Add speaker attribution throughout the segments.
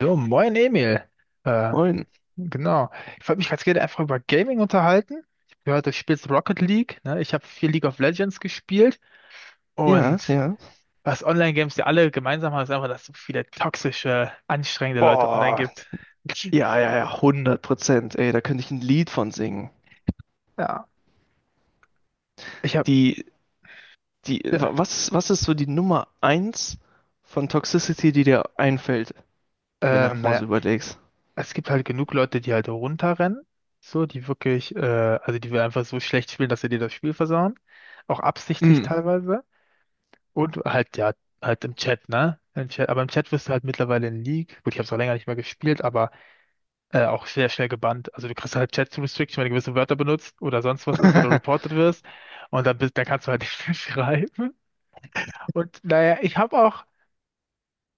Speaker 1: So, moin Emil. Äh,
Speaker 2: Moin.
Speaker 1: genau. Ich wollte mich ganz gerne einfach über Gaming unterhalten. Ich habe gehört, du spielst Rocket League. Ne? Ich habe viel League of Legends gespielt.
Speaker 2: Ja,
Speaker 1: Und
Speaker 2: ja.
Speaker 1: was Online-Games ja alle gemeinsam haben, ist einfach, dass es so viele toxische, anstrengende Leute online
Speaker 2: Boah.
Speaker 1: gibt.
Speaker 2: Ja, ja, ja, hundert Prozent. Ey, da könnte ich ein Lied von singen.
Speaker 1: Ja. Ich habe,
Speaker 2: Die,
Speaker 1: ja,
Speaker 2: was ist so die Nummer eins von Toxicity, die dir einfällt, wenn du einfach mal
Speaker 1: naja,
Speaker 2: so überlegst?
Speaker 1: es gibt halt genug Leute, die halt runterrennen. So, die wirklich, also die wir einfach so schlecht spielen, dass sie dir das Spiel versauen. Auch absichtlich
Speaker 2: Mm.
Speaker 1: teilweise. Und halt, ja, halt im Chat, ne? Im Chat, aber im Chat wirst du halt mittlerweile in League. Gut, ich habe es auch länger nicht mehr gespielt, aber auch sehr schnell gebannt. Also du kriegst halt Chat-Restriction, wenn du gewisse Wörter benutzt oder sonst was ist oder reported wirst. Und dann bist, dann kannst du halt nicht mehr schreiben. Und naja,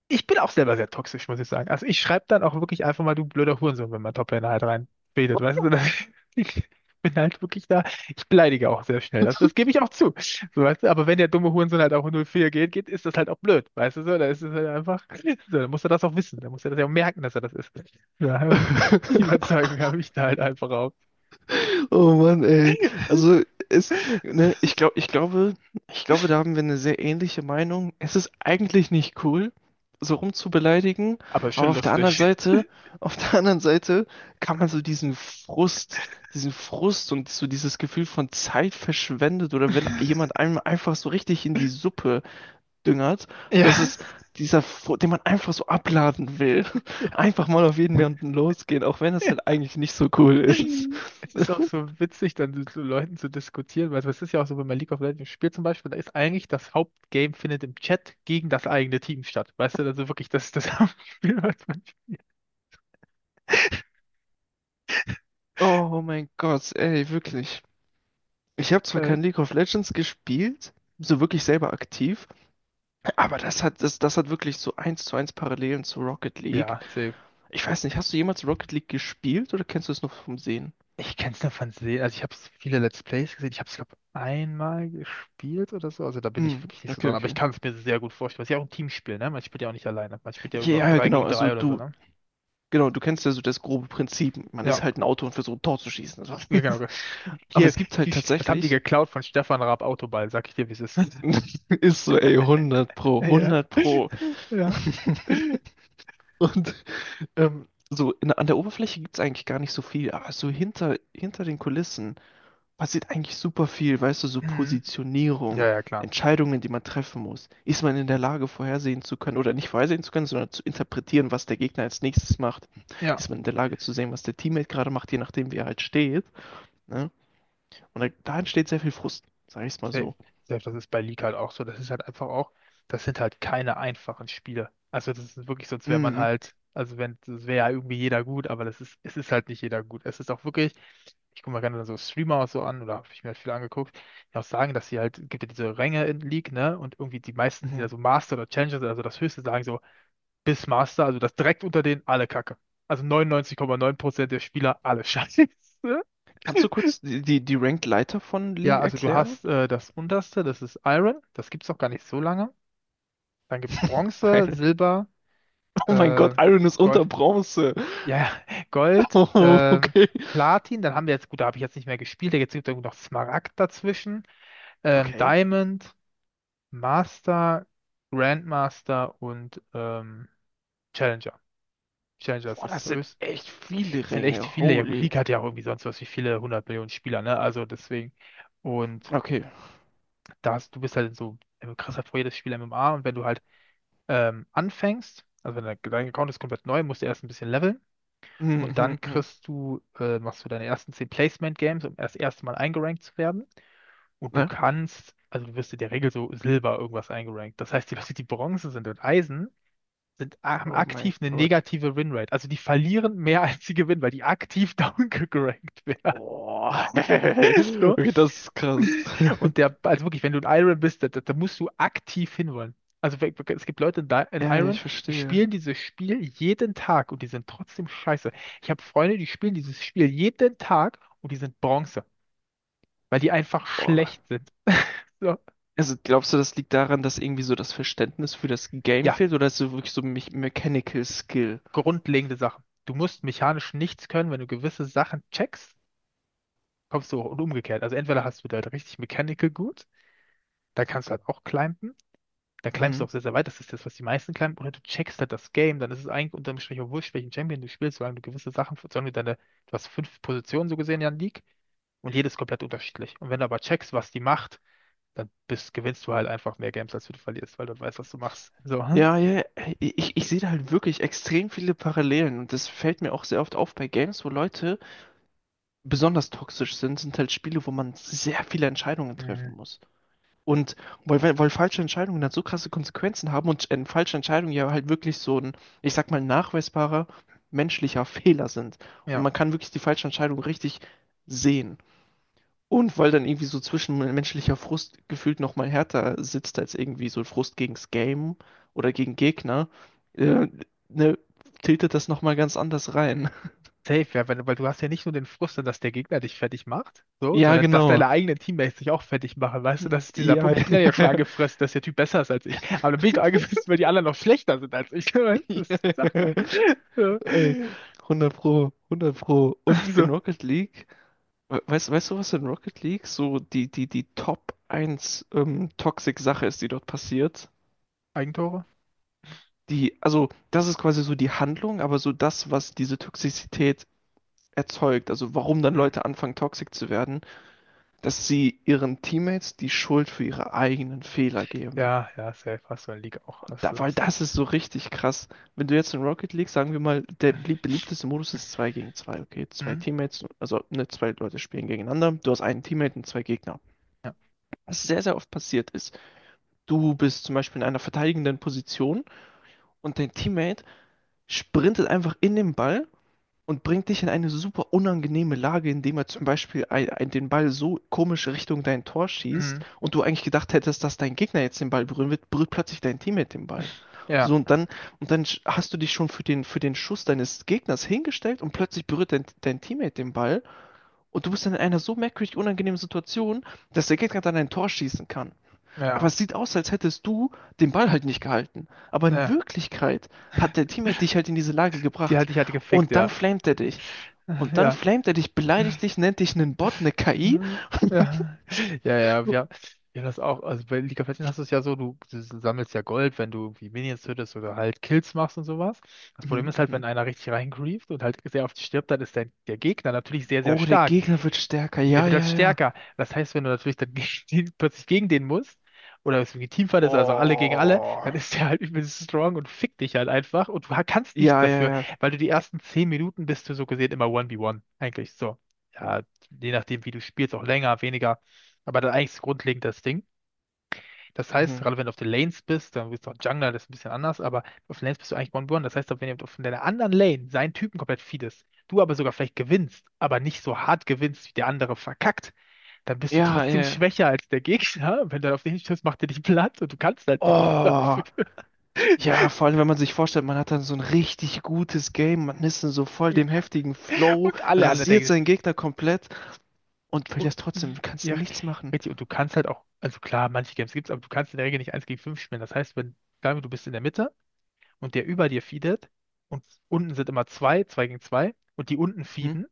Speaker 1: ich bin auch selber sehr toxisch, muss ich sagen. Also ich schreibe dann auch wirklich einfach mal, du blöder Hurensohn, wenn mein Top-Liner halt reinredet, weißt du? Ich bin halt wirklich da, ich beleidige auch sehr schnell, das gebe ich auch zu. So, weißt du? Aber wenn der dumme Hurensohn halt auch 0-4 geht, ist das halt auch blöd, weißt du so? Da ist es halt einfach, so, dann muss er das auch wissen, dann muss er das ja auch merken, dass er das ist. Ja, aber die Überzeugung habe ich da halt einfach auch.
Speaker 2: Oh Mann, ey. Also es, ne, ich glaube, ich glaube, ich glaube, da haben wir eine sehr ähnliche Meinung. Es ist eigentlich nicht cool, so rumzubeleidigen,
Speaker 1: Aber ist
Speaker 2: aber
Speaker 1: schon
Speaker 2: auf der anderen
Speaker 1: lustig.
Speaker 2: Seite, auf der anderen Seite kann man so diesen Frust und so dieses Gefühl von Zeit verschwendet oder wenn jemand einem einfach so richtig in die Suppe düngert, dass
Speaker 1: Ja.
Speaker 2: es den man einfach so abladen will, einfach mal auf jeden Menschen losgehen, auch wenn das halt eigentlich nicht so cool ist.
Speaker 1: Es ist auch so witzig, dann mit so Leuten zu diskutieren, weil es ist ja auch so, wenn man League of Legends spielt zum Beispiel, da ist eigentlich das Hauptgame findet im Chat gegen das eigene Team statt. Weißt du, also wirklich, das ist das Hauptspiel, was man
Speaker 2: Oh mein Gott, ey, wirklich. Ich habe zwar
Speaker 1: spielt.
Speaker 2: kein League of Legends gespielt, so wirklich selber aktiv, aber das hat wirklich so eins zu eins Parallelen zu Rocket League.
Speaker 1: Ja, safe.
Speaker 2: Ich weiß nicht, hast du jemals Rocket League gespielt oder kennst du es nur vom Sehen?
Speaker 1: Ich kenn's nur von Sehen, also ich habe viele Let's Plays gesehen, ich habe es, glaube einmal gespielt oder so, also da bin ich
Speaker 2: Hm,
Speaker 1: wirklich nicht so
Speaker 2: okay,
Speaker 1: dran, aber ich
Speaker 2: okay.
Speaker 1: kann es mir sehr gut vorstellen, weil es ist ja auch ein Teamspiel, ne? Man spielt ja auch nicht alleine, man spielt ja irgendwie auch
Speaker 2: Ja, ja,
Speaker 1: 3
Speaker 2: genau,
Speaker 1: gegen
Speaker 2: also
Speaker 1: 3 oder so,
Speaker 2: du,
Speaker 1: ne?
Speaker 2: genau, du kennst ja so das grobe Prinzip. Man ist
Speaker 1: Ja,
Speaker 2: halt ein Auto und versucht ein Tor zu schießen. Also.
Speaker 1: ja, genau.
Speaker 2: Aber
Speaker 1: Hier,
Speaker 2: es gibt halt
Speaker 1: das haben die
Speaker 2: tatsächlich,
Speaker 1: geklaut von Stefan Raab Autoball, sag ich dir, wie es ist.
Speaker 2: ist so, ey, hundert pro,
Speaker 1: Ja.
Speaker 2: hundert pro.
Speaker 1: Ja.
Speaker 2: Und so an der Oberfläche gibt es eigentlich gar nicht so viel, aber so hinter den Kulissen passiert eigentlich super viel, weißt du, so
Speaker 1: Mhm. Ja,
Speaker 2: Positionierung,
Speaker 1: ja, klar.
Speaker 2: Entscheidungen, die man treffen muss. Ist man in der Lage, vorhersehen zu können oder nicht vorhersehen zu können, sondern zu interpretieren, was der Gegner als nächstes macht?
Speaker 1: Ja,
Speaker 2: Ist man in der Lage zu sehen, was der Teammate gerade macht, je nachdem, wie er halt steht? Ne? Und da entsteht sehr viel Frust, sag ich es mal
Speaker 1: safe.
Speaker 2: so.
Speaker 1: Safe, das ist bei League halt auch so. Das ist halt einfach auch, das sind halt keine einfachen Spiele. Also das ist wirklich, sonst wäre man
Speaker 2: Mhm.
Speaker 1: halt, also wenn, das wäre ja irgendwie jeder gut, aber das ist, es ist halt nicht jeder gut. Es ist auch wirklich, ich gucke mir gerne so Streamer auch so an, oder habe ich mir halt viel angeguckt, die auch sagen, dass sie halt, gibt ja diese Ränge in League, ne? Und irgendwie die meisten, die da
Speaker 2: Mhm.
Speaker 1: so Master oder Challenger sind, also das Höchste sagen so, bis Master, also das direkt unter denen alle Kacke. Also 99,9% der Spieler alle scheiße.
Speaker 2: Kannst du kurz die Ranked Leiter von
Speaker 1: Ja,
Speaker 2: League
Speaker 1: also du
Speaker 2: erklären?
Speaker 1: hast das unterste, das ist Iron, das gibt's noch gar nicht so lange. Dann gibt's Bronze,
Speaker 2: Weil
Speaker 1: Silber,
Speaker 2: oh mein
Speaker 1: äh,
Speaker 2: Gott, Iron ist unter
Speaker 1: Gold.
Speaker 2: Bronze.
Speaker 1: Ja, ja, Gold,
Speaker 2: Oh, okay.
Speaker 1: Platin, dann haben wir jetzt, gut, da habe ich jetzt nicht mehr gespielt, jetzt gibt es noch Smaragd dazwischen,
Speaker 2: Okay.
Speaker 1: Diamond, Master, Grandmaster und Challenger. Challenger ist
Speaker 2: Boah,
Speaker 1: das
Speaker 2: das sind
Speaker 1: höchste.
Speaker 2: echt viele
Speaker 1: Es sind echt
Speaker 2: Ränge.
Speaker 1: viele, ja gut,
Speaker 2: Holy.
Speaker 1: League hat ja auch irgendwie sonst was wie viele hundert Millionen Spieler, ne? Also deswegen. Und
Speaker 2: Okay.
Speaker 1: da hast, du bist halt so, du kriegst halt vor jedes Spiel MMA und wenn du halt anfängst, also wenn dein Account ist komplett neu, musst du erst ein bisschen leveln
Speaker 2: Hm,
Speaker 1: und
Speaker 2: hm,
Speaker 1: dann
Speaker 2: hm.
Speaker 1: kriegst du, machst du deine ersten 10 Placement Games, um erst das erste Mal eingerankt zu werden und du
Speaker 2: Ne?
Speaker 1: kannst, also du wirst in der Regel so Silber irgendwas eingerankt. Das heißt, die Leute, die Bronze sind und Eisen, sind, haben
Speaker 2: Oh mein
Speaker 1: aktiv eine
Speaker 2: Gott.
Speaker 1: negative Winrate. Also die verlieren mehr als sie gewinnen, weil die aktiv downgerankt werden.
Speaker 2: Oh. Okay,
Speaker 1: So,
Speaker 2: das ist krass.
Speaker 1: und der, also wirklich, wenn du ein Iron bist, da musst du aktiv hinwollen. Also es gibt Leute in in
Speaker 2: Ja, ich
Speaker 1: Iron, die
Speaker 2: verstehe.
Speaker 1: spielen dieses Spiel jeden Tag und die sind trotzdem scheiße. Ich habe Freunde, die spielen dieses Spiel jeden Tag und die sind Bronze, weil die einfach
Speaker 2: Boah.
Speaker 1: schlecht sind. So.
Speaker 2: Also glaubst du, das liegt daran, dass irgendwie so das Verständnis für das Game
Speaker 1: Ja,
Speaker 2: fehlt oder ist es wirklich so Me Mechanical Skill?
Speaker 1: grundlegende Sachen. Du musst mechanisch nichts können, wenn du gewisse Sachen checkst, kommst du hoch und umgekehrt. Also entweder hast du da halt richtig Mechanical gut, da kannst du halt auch climben, da climbst du
Speaker 2: Mhm.
Speaker 1: auch sehr, sehr weit. Das ist das, was die meisten climben. Oder du checkst halt das Game. Dann ist es eigentlich unterm Strich auch wurscht, welchen Champion du spielst, solange du gewisse Sachen, solange du deine, du hast fünf Positionen so gesehen ja in der League und jedes komplett unterschiedlich. Und wenn du aber checkst, was die macht, dann bist, gewinnst du halt einfach mehr Games, als du verlierst, weil du weißt, was du machst. So. Hm?
Speaker 2: Ja, ja, ich sehe da halt wirklich extrem viele Parallelen und das fällt mir auch sehr oft auf bei Games, wo Leute besonders toxisch sind, sind halt Spiele, wo man sehr viele Entscheidungen
Speaker 1: Mhm.
Speaker 2: treffen muss. Und weil falsche Entscheidungen dann so krasse Konsequenzen haben und falsche Entscheidungen ja halt wirklich so ein, ich sag mal, nachweisbarer menschlicher Fehler sind. Und
Speaker 1: Ja.
Speaker 2: man kann wirklich die falsche Entscheidung richtig sehen. Und weil dann irgendwie so zwischenmenschlicher Frust gefühlt nochmal härter sitzt als irgendwie so Frust gegens Game oder gegen Gegner, äh, ne, tiltet das nochmal ganz anders rein.
Speaker 1: Safe, ja, weil, weil du hast ja nicht nur den Frust, dass der Gegner dich fertig macht, so,
Speaker 2: Ja,
Speaker 1: sondern dass
Speaker 2: genau.
Speaker 1: deine eigenen Teammates dich auch fertig machen, weißt du,
Speaker 2: Hm,
Speaker 1: das ist dieser
Speaker 2: ja,
Speaker 1: Punkt. Ich bin ja jetzt schon angefressen, dass der Typ besser ist als ich, aber dann bin ich doch angefressen, weil die anderen noch schlechter sind als ich, weißt du, das ist Sache. So,
Speaker 2: ey, 100 Pro, 100 Pro. Und in
Speaker 1: so.
Speaker 2: Rocket League, weißt du, was in Rocket League so die Top eins Toxic-Sache ist, die dort passiert?
Speaker 1: Eigentore?
Speaker 2: Die, also, das ist quasi so die Handlung, aber so das, was diese Toxizität erzeugt, also warum dann
Speaker 1: Hm.
Speaker 2: Leute anfangen, toxic zu werden, dass sie ihren Teammates die Schuld für ihre eigenen Fehler geben.
Speaker 1: Ja, ja, safe, hast du in der Liga auch, hast
Speaker 2: Da,
Speaker 1: du
Speaker 2: weil
Speaker 1: das.
Speaker 2: das ist so richtig krass. Wenn du jetzt in Rocket League, sagen wir mal, der belieb- beliebteste Modus ist 2 gegen 2 okay? Zwei
Speaker 1: Hm?
Speaker 2: Teammates, also ne, zwei Leute spielen gegeneinander. Du hast einen Teammate und zwei Gegner.
Speaker 1: Ja,
Speaker 2: Was sehr, sehr oft passiert ist, du bist zum Beispiel in einer verteidigenden Position und dein Teammate sprintet einfach in den Ball und bringt dich in eine super unangenehme Lage, indem er zum Beispiel den Ball so komisch Richtung dein Tor schießt
Speaker 1: Hm.
Speaker 2: und du eigentlich gedacht hättest, dass dein Gegner jetzt den Ball berühren wird, berührt plötzlich dein Teammate den Ball.
Speaker 1: Ja,
Speaker 2: So hast du dich schon für den Schuss deines Gegners hingestellt und plötzlich berührt dein Teammate den Ball und du bist dann in einer so merkwürdig unangenehmen Situation, dass der Gegner dann ein Tor schießen kann. Aber
Speaker 1: ja,
Speaker 2: es sieht aus, als hättest du den Ball halt nicht gehalten. Aber in
Speaker 1: ja,
Speaker 2: Wirklichkeit hat der Teammate dich halt in diese Lage
Speaker 1: die
Speaker 2: gebracht
Speaker 1: hat dich halt gefickt,
Speaker 2: und dann
Speaker 1: ja,
Speaker 2: flamet er dich. Und dann
Speaker 1: ja.
Speaker 2: flamet er dich, beleidigt dich, nennt dich einen Bot, eine KI.
Speaker 1: Hm, ja, ja, ja, wir haben das auch. Also bei League of Legends hast du es ja so, du sammelst ja Gold, wenn du irgendwie Minions tötest oder halt Kills machst und sowas. Das Problem
Speaker 2: Mhm,
Speaker 1: ist halt, wenn
Speaker 2: mhm.
Speaker 1: einer richtig reingrieft und halt sehr oft stirbt, dann ist der, der Gegner natürlich sehr, sehr
Speaker 2: Oh, der
Speaker 1: stark.
Speaker 2: Gegner wird stärker.
Speaker 1: Der
Speaker 2: Ja,
Speaker 1: wird halt
Speaker 2: ja, ja.
Speaker 1: stärker. Das heißt, wenn du natürlich dann gegen den, plötzlich gegen den musst, oder es irgendwie Teamfight ist, also alle gegen alle,
Speaker 2: Oh.
Speaker 1: dann ist der halt übelst strong und fickt dich halt einfach und du kannst nichts
Speaker 2: Ja, ja,
Speaker 1: dafür,
Speaker 2: ja.
Speaker 1: weil du die ersten 10 Minuten bist du so gesehen immer 1v1 eigentlich. So, ja, je nachdem, wie du spielst, auch länger, weniger. Aber dann eigentlich ist grundlegend das Ding. Das heißt,
Speaker 2: Mhm.
Speaker 1: gerade wenn du auf den Lanes bist, dann bist du auch Jungler, das ist ein bisschen anders, aber auf den Lanes bist du eigentlich One-Burn. Das heißt, wenn jemand auf deiner anderen Lane seinen Typen komplett feedest, du aber sogar vielleicht gewinnst, aber nicht so hart gewinnst, wie der andere verkackt, dann bist du
Speaker 2: Ja,
Speaker 1: trotzdem
Speaker 2: ja.
Speaker 1: schwächer als der Gegner. Wenn du auf den stößt, macht er dich platt und du kannst halt nichts
Speaker 2: Oh.
Speaker 1: dafür.
Speaker 2: Ja, vor allem, wenn man sich vorstellt, man hat dann so ein richtig gutes Game, man ist in so voll
Speaker 1: Ja.
Speaker 2: dem heftigen Flow,
Speaker 1: Und alle anderen
Speaker 2: rasiert
Speaker 1: denken sich,
Speaker 2: seinen Gegner komplett und
Speaker 1: oh,
Speaker 2: verlierst trotzdem, du kannst
Speaker 1: ja,
Speaker 2: nichts machen.
Speaker 1: richtig, und du kannst halt auch, also klar, manche Games gibt's, aber du kannst in der Regel nicht eins gegen 5 spielen. Das heißt, wenn, sagen wir, du bist in der Mitte, und der über dir feedet und unten sind immer zwei, zwei gegen zwei und die unten
Speaker 2: Mhm.
Speaker 1: feeden,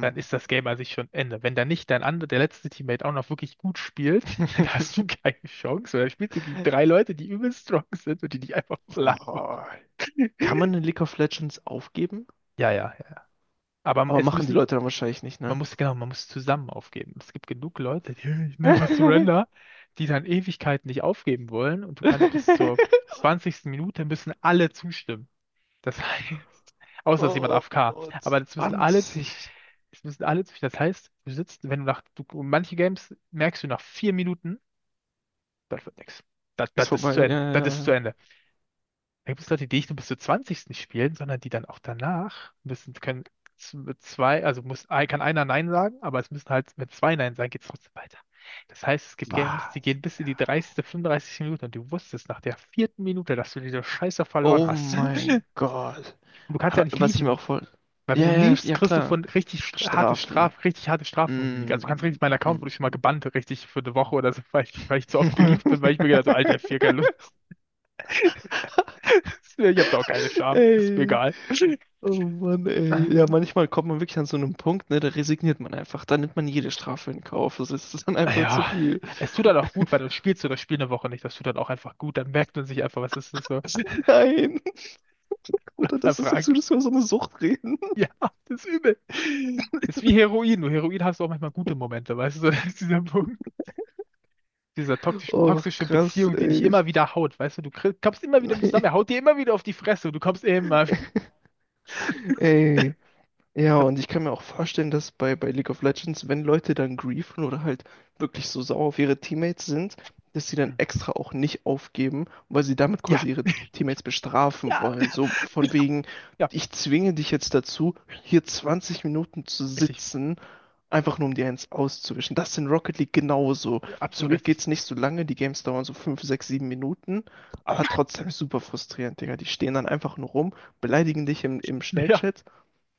Speaker 1: dann ist das Game an sich schon Ende. Wenn da nicht dein anderer, der letzte Teammate auch noch wirklich gut spielt, dann hast du keine Chance. Weil dann spielst du gegen drei Leute, die übel strong sind und die dich einfach platt machen.
Speaker 2: Oh. Kann man in League of Legends aufgeben?
Speaker 1: Ja, ja, ja. Aber
Speaker 2: Aber
Speaker 1: es
Speaker 2: machen die
Speaker 1: müssen,
Speaker 2: Leute dann wahrscheinlich nicht,
Speaker 1: man
Speaker 2: ne?
Speaker 1: muss, genau, man muss zusammen aufgeben. Es gibt genug Leute, die never surrender, die dann Ewigkeiten nicht aufgeben wollen und du kannst bis zur 20. Minute müssen alle zustimmen. Das heißt, außer es ist jemand
Speaker 2: Oh,
Speaker 1: AFK. Aber das müssen alle,
Speaker 2: 20
Speaker 1: es müssen alle, das heißt, du sitzt, wenn du nach, du, manche Games merkst du nach 4 Minuten, das wird nix. Das,
Speaker 2: ist
Speaker 1: das ist
Speaker 2: vorbei.
Speaker 1: zu Ende,
Speaker 2: Ja, ja,
Speaker 1: das
Speaker 2: ja,
Speaker 1: ist zu
Speaker 2: ja.
Speaker 1: Ende. Da gibt es Leute, die nicht nur bis zur 20. spielen, sondern die dann auch danach müssen, können zwei, also muss, kann einer Nein sagen, aber es müssen halt, wenn zwei Nein sagen, geht es trotzdem weiter. Das heißt, es gibt Games, die
Speaker 2: Was?
Speaker 1: gehen bis in die 30., 35. Minute und du wusstest nach der vierten Minute, dass du diese Scheiße verloren
Speaker 2: Oh
Speaker 1: hast.
Speaker 2: mein Gott.
Speaker 1: Und du kannst ja
Speaker 2: Aber
Speaker 1: nicht
Speaker 2: was ich mir
Speaker 1: leaven.
Speaker 2: auch voll.
Speaker 1: Weil wenn du
Speaker 2: Ja, ja, ja,
Speaker 1: liebst,
Speaker 2: ja,
Speaker 1: kriegst du
Speaker 2: klar.
Speaker 1: von
Speaker 2: Strafen.
Speaker 1: Richtig harte Strafen von der Liga. Also du kannst
Speaker 2: Mm.
Speaker 1: richtig, mein Account wurde schon mal gebannt, richtig für eine Woche oder so, weil ich zu oft geliebt bin, weil ich mir gedacht habe, so, Alter, F4, keine Lust. Ich habe da auch keine Scham. Ist mir
Speaker 2: Ey.
Speaker 1: egal.
Speaker 2: Oh Mann, ey. Ja,
Speaker 1: Ähm,
Speaker 2: manchmal kommt man wirklich an so einem Punkt, ne, da resigniert man einfach. Da nimmt man jede Strafe in Kauf. Das ist dann einfach zu
Speaker 1: Ja,
Speaker 2: viel.
Speaker 1: es tut dann auch gut, weil dann spielst du das Spiel eine Woche nicht. Das tut dann auch einfach gut. Dann merkt man sich einfach, was ist das so?
Speaker 2: Nein.
Speaker 1: Was
Speaker 2: Oder das
Speaker 1: einfach
Speaker 2: ist, als
Speaker 1: angeht.
Speaker 2: würdest du über so eine Sucht reden.
Speaker 1: Ja, das ist übel. Das ist wie Heroin. Nur Heroin hast du auch manchmal gute Momente, weißt du, so, das ist dieser Punkt. Dieser
Speaker 2: Oh,
Speaker 1: toxische
Speaker 2: krass,
Speaker 1: Beziehung, die dich
Speaker 2: ey.
Speaker 1: immer wieder haut, weißt du, du kommst immer wieder mit zusammen, er haut dir immer wieder auf die Fresse und du kommst
Speaker 2: Nee.
Speaker 1: immer wieder.
Speaker 2: Ey, ja, und ich kann mir auch vorstellen, dass bei League of Legends, wenn Leute dann griefen oder halt wirklich so sauer auf ihre Teammates sind, dass sie dann extra auch nicht aufgeben, weil sie damit quasi
Speaker 1: Ja,
Speaker 2: ihre Teammates bestrafen
Speaker 1: ja,
Speaker 2: wollen. So von wegen,
Speaker 1: ja,
Speaker 2: ich zwinge dich jetzt dazu, hier 20 Minuten zu
Speaker 1: richtig,
Speaker 2: sitzen, einfach nur um dir eins auszuwischen. Das ist in Rocket League genauso. Zum
Speaker 1: absolut
Speaker 2: Glück
Speaker 1: richtig.
Speaker 2: geht's nicht so lange, die Games dauern so 5 6 7 Minuten, aber trotzdem super frustrierend, Digga. Die stehen dann einfach nur rum beleidigen dich im
Speaker 1: Ja,
Speaker 2: Schnellchat,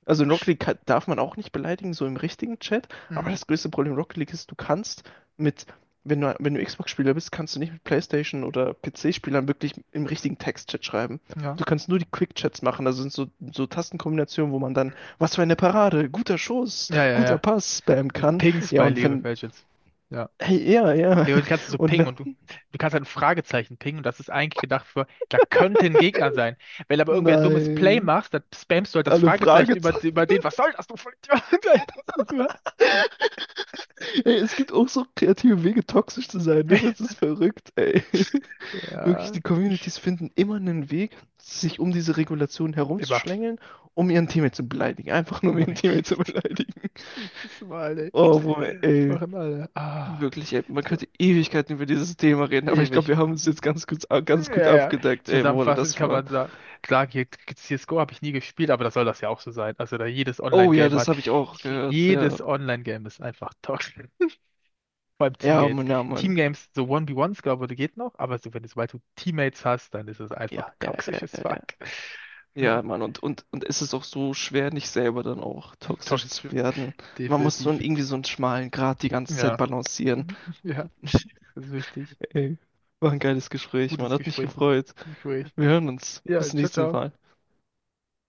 Speaker 2: also in Rocket League kann, darf man auch nicht beleidigen, so im richtigen Chat. Aber
Speaker 1: mhm.
Speaker 2: das größte Problem in Rocket League ist, du kannst mit, wenn du Xbox-Spieler bist, kannst du nicht mit PlayStation oder PC-Spielern wirklich im richtigen Text-Chat schreiben.
Speaker 1: Ja,
Speaker 2: Du kannst nur die Quick-Chats machen. Das sind so, so Tastenkombinationen, wo man dann, was für eine Parade, guter Schuss,
Speaker 1: ja, ja,
Speaker 2: guter Pass spammen
Speaker 1: ja.
Speaker 2: kann.
Speaker 1: Pings
Speaker 2: Ja,
Speaker 1: bei
Speaker 2: und
Speaker 1: League of
Speaker 2: wenn,
Speaker 1: Legends. Ja.
Speaker 2: hey, ja, ja.
Speaker 1: League kannst du kannst so
Speaker 2: Und
Speaker 1: pingen
Speaker 2: wenn,
Speaker 1: und du kannst halt ein Fragezeichen pingen und das ist eigentlich gedacht für, da könnte ein Gegner sein. Wenn aber irgendwer ein dummes Play
Speaker 2: nein,
Speaker 1: machst, dann spammst du halt das
Speaker 2: alle
Speaker 1: Fragezeichen über,
Speaker 2: Fragezeichen.
Speaker 1: über den, was soll das, du Vollidiot?
Speaker 2: Ey, es gibt auch so kreative Wege, toxisch zu sein, ne? Das ist verrückt, ey. Wirklich,
Speaker 1: Ja,
Speaker 2: die Communities finden immer einen Weg, sich um diese Regulation
Speaker 1: immer,
Speaker 2: herumzuschlängeln, um ihren Teammate zu beleidigen. Einfach nur, um
Speaker 1: immer
Speaker 2: ihren Teammate
Speaker 1: richtig.
Speaker 2: zu beleidigen.
Speaker 1: Jedes Mal, ey.
Speaker 2: Oh, wo, ey,
Speaker 1: Machen alle. Ah,
Speaker 2: wirklich, ey, man
Speaker 1: so
Speaker 2: könnte Ewigkeiten über dieses Thema reden, aber ich glaube,
Speaker 1: ewig.
Speaker 2: wir haben uns jetzt ganz gut
Speaker 1: Ja, ja.
Speaker 2: abgedeckt, ey, wo
Speaker 1: Zusammenfassend
Speaker 2: das
Speaker 1: kann
Speaker 2: war.
Speaker 1: man sagen, klar, hier- CS:GO habe ich nie gespielt, aber das soll das ja auch so sein. Also da jedes
Speaker 2: Oh ja,
Speaker 1: Online-Game
Speaker 2: das
Speaker 1: hat,
Speaker 2: habe ich auch gehört, ja.
Speaker 1: jedes Online-Game ist einfach toxisch. Vor allem
Speaker 2: Ja,
Speaker 1: Teamgames.
Speaker 2: Mann, ja, Mann.
Speaker 1: Teamgames, so 1 v 1 glaube ich, geht noch, aber so, wenn du, sobald du Teammates hast, dann ist es einfach
Speaker 2: Ja, ja, ja,
Speaker 1: toxisches
Speaker 2: ja. Ja,
Speaker 1: Fuck. So,
Speaker 2: Ja, Mann, und, und, es ist auch so schwer, nicht selber dann auch toxisch zu
Speaker 1: toxisch,
Speaker 2: werden. Man muss so
Speaker 1: definitiv.
Speaker 2: einen, irgendwie so einen schmalen Grat die ganze Zeit
Speaker 1: Ja,
Speaker 2: balancieren.
Speaker 1: ja, das ist wichtig.
Speaker 2: Ey, war ein
Speaker 1: Gu-
Speaker 2: geiles Gespräch, Mann.
Speaker 1: Gutes
Speaker 2: Hat mich
Speaker 1: Gespräch, gutes
Speaker 2: gefreut.
Speaker 1: Gespräch.
Speaker 2: Wir hören uns. Bis
Speaker 1: Ja,
Speaker 2: zum
Speaker 1: ciao,
Speaker 2: nächsten
Speaker 1: ciao.
Speaker 2: Mal.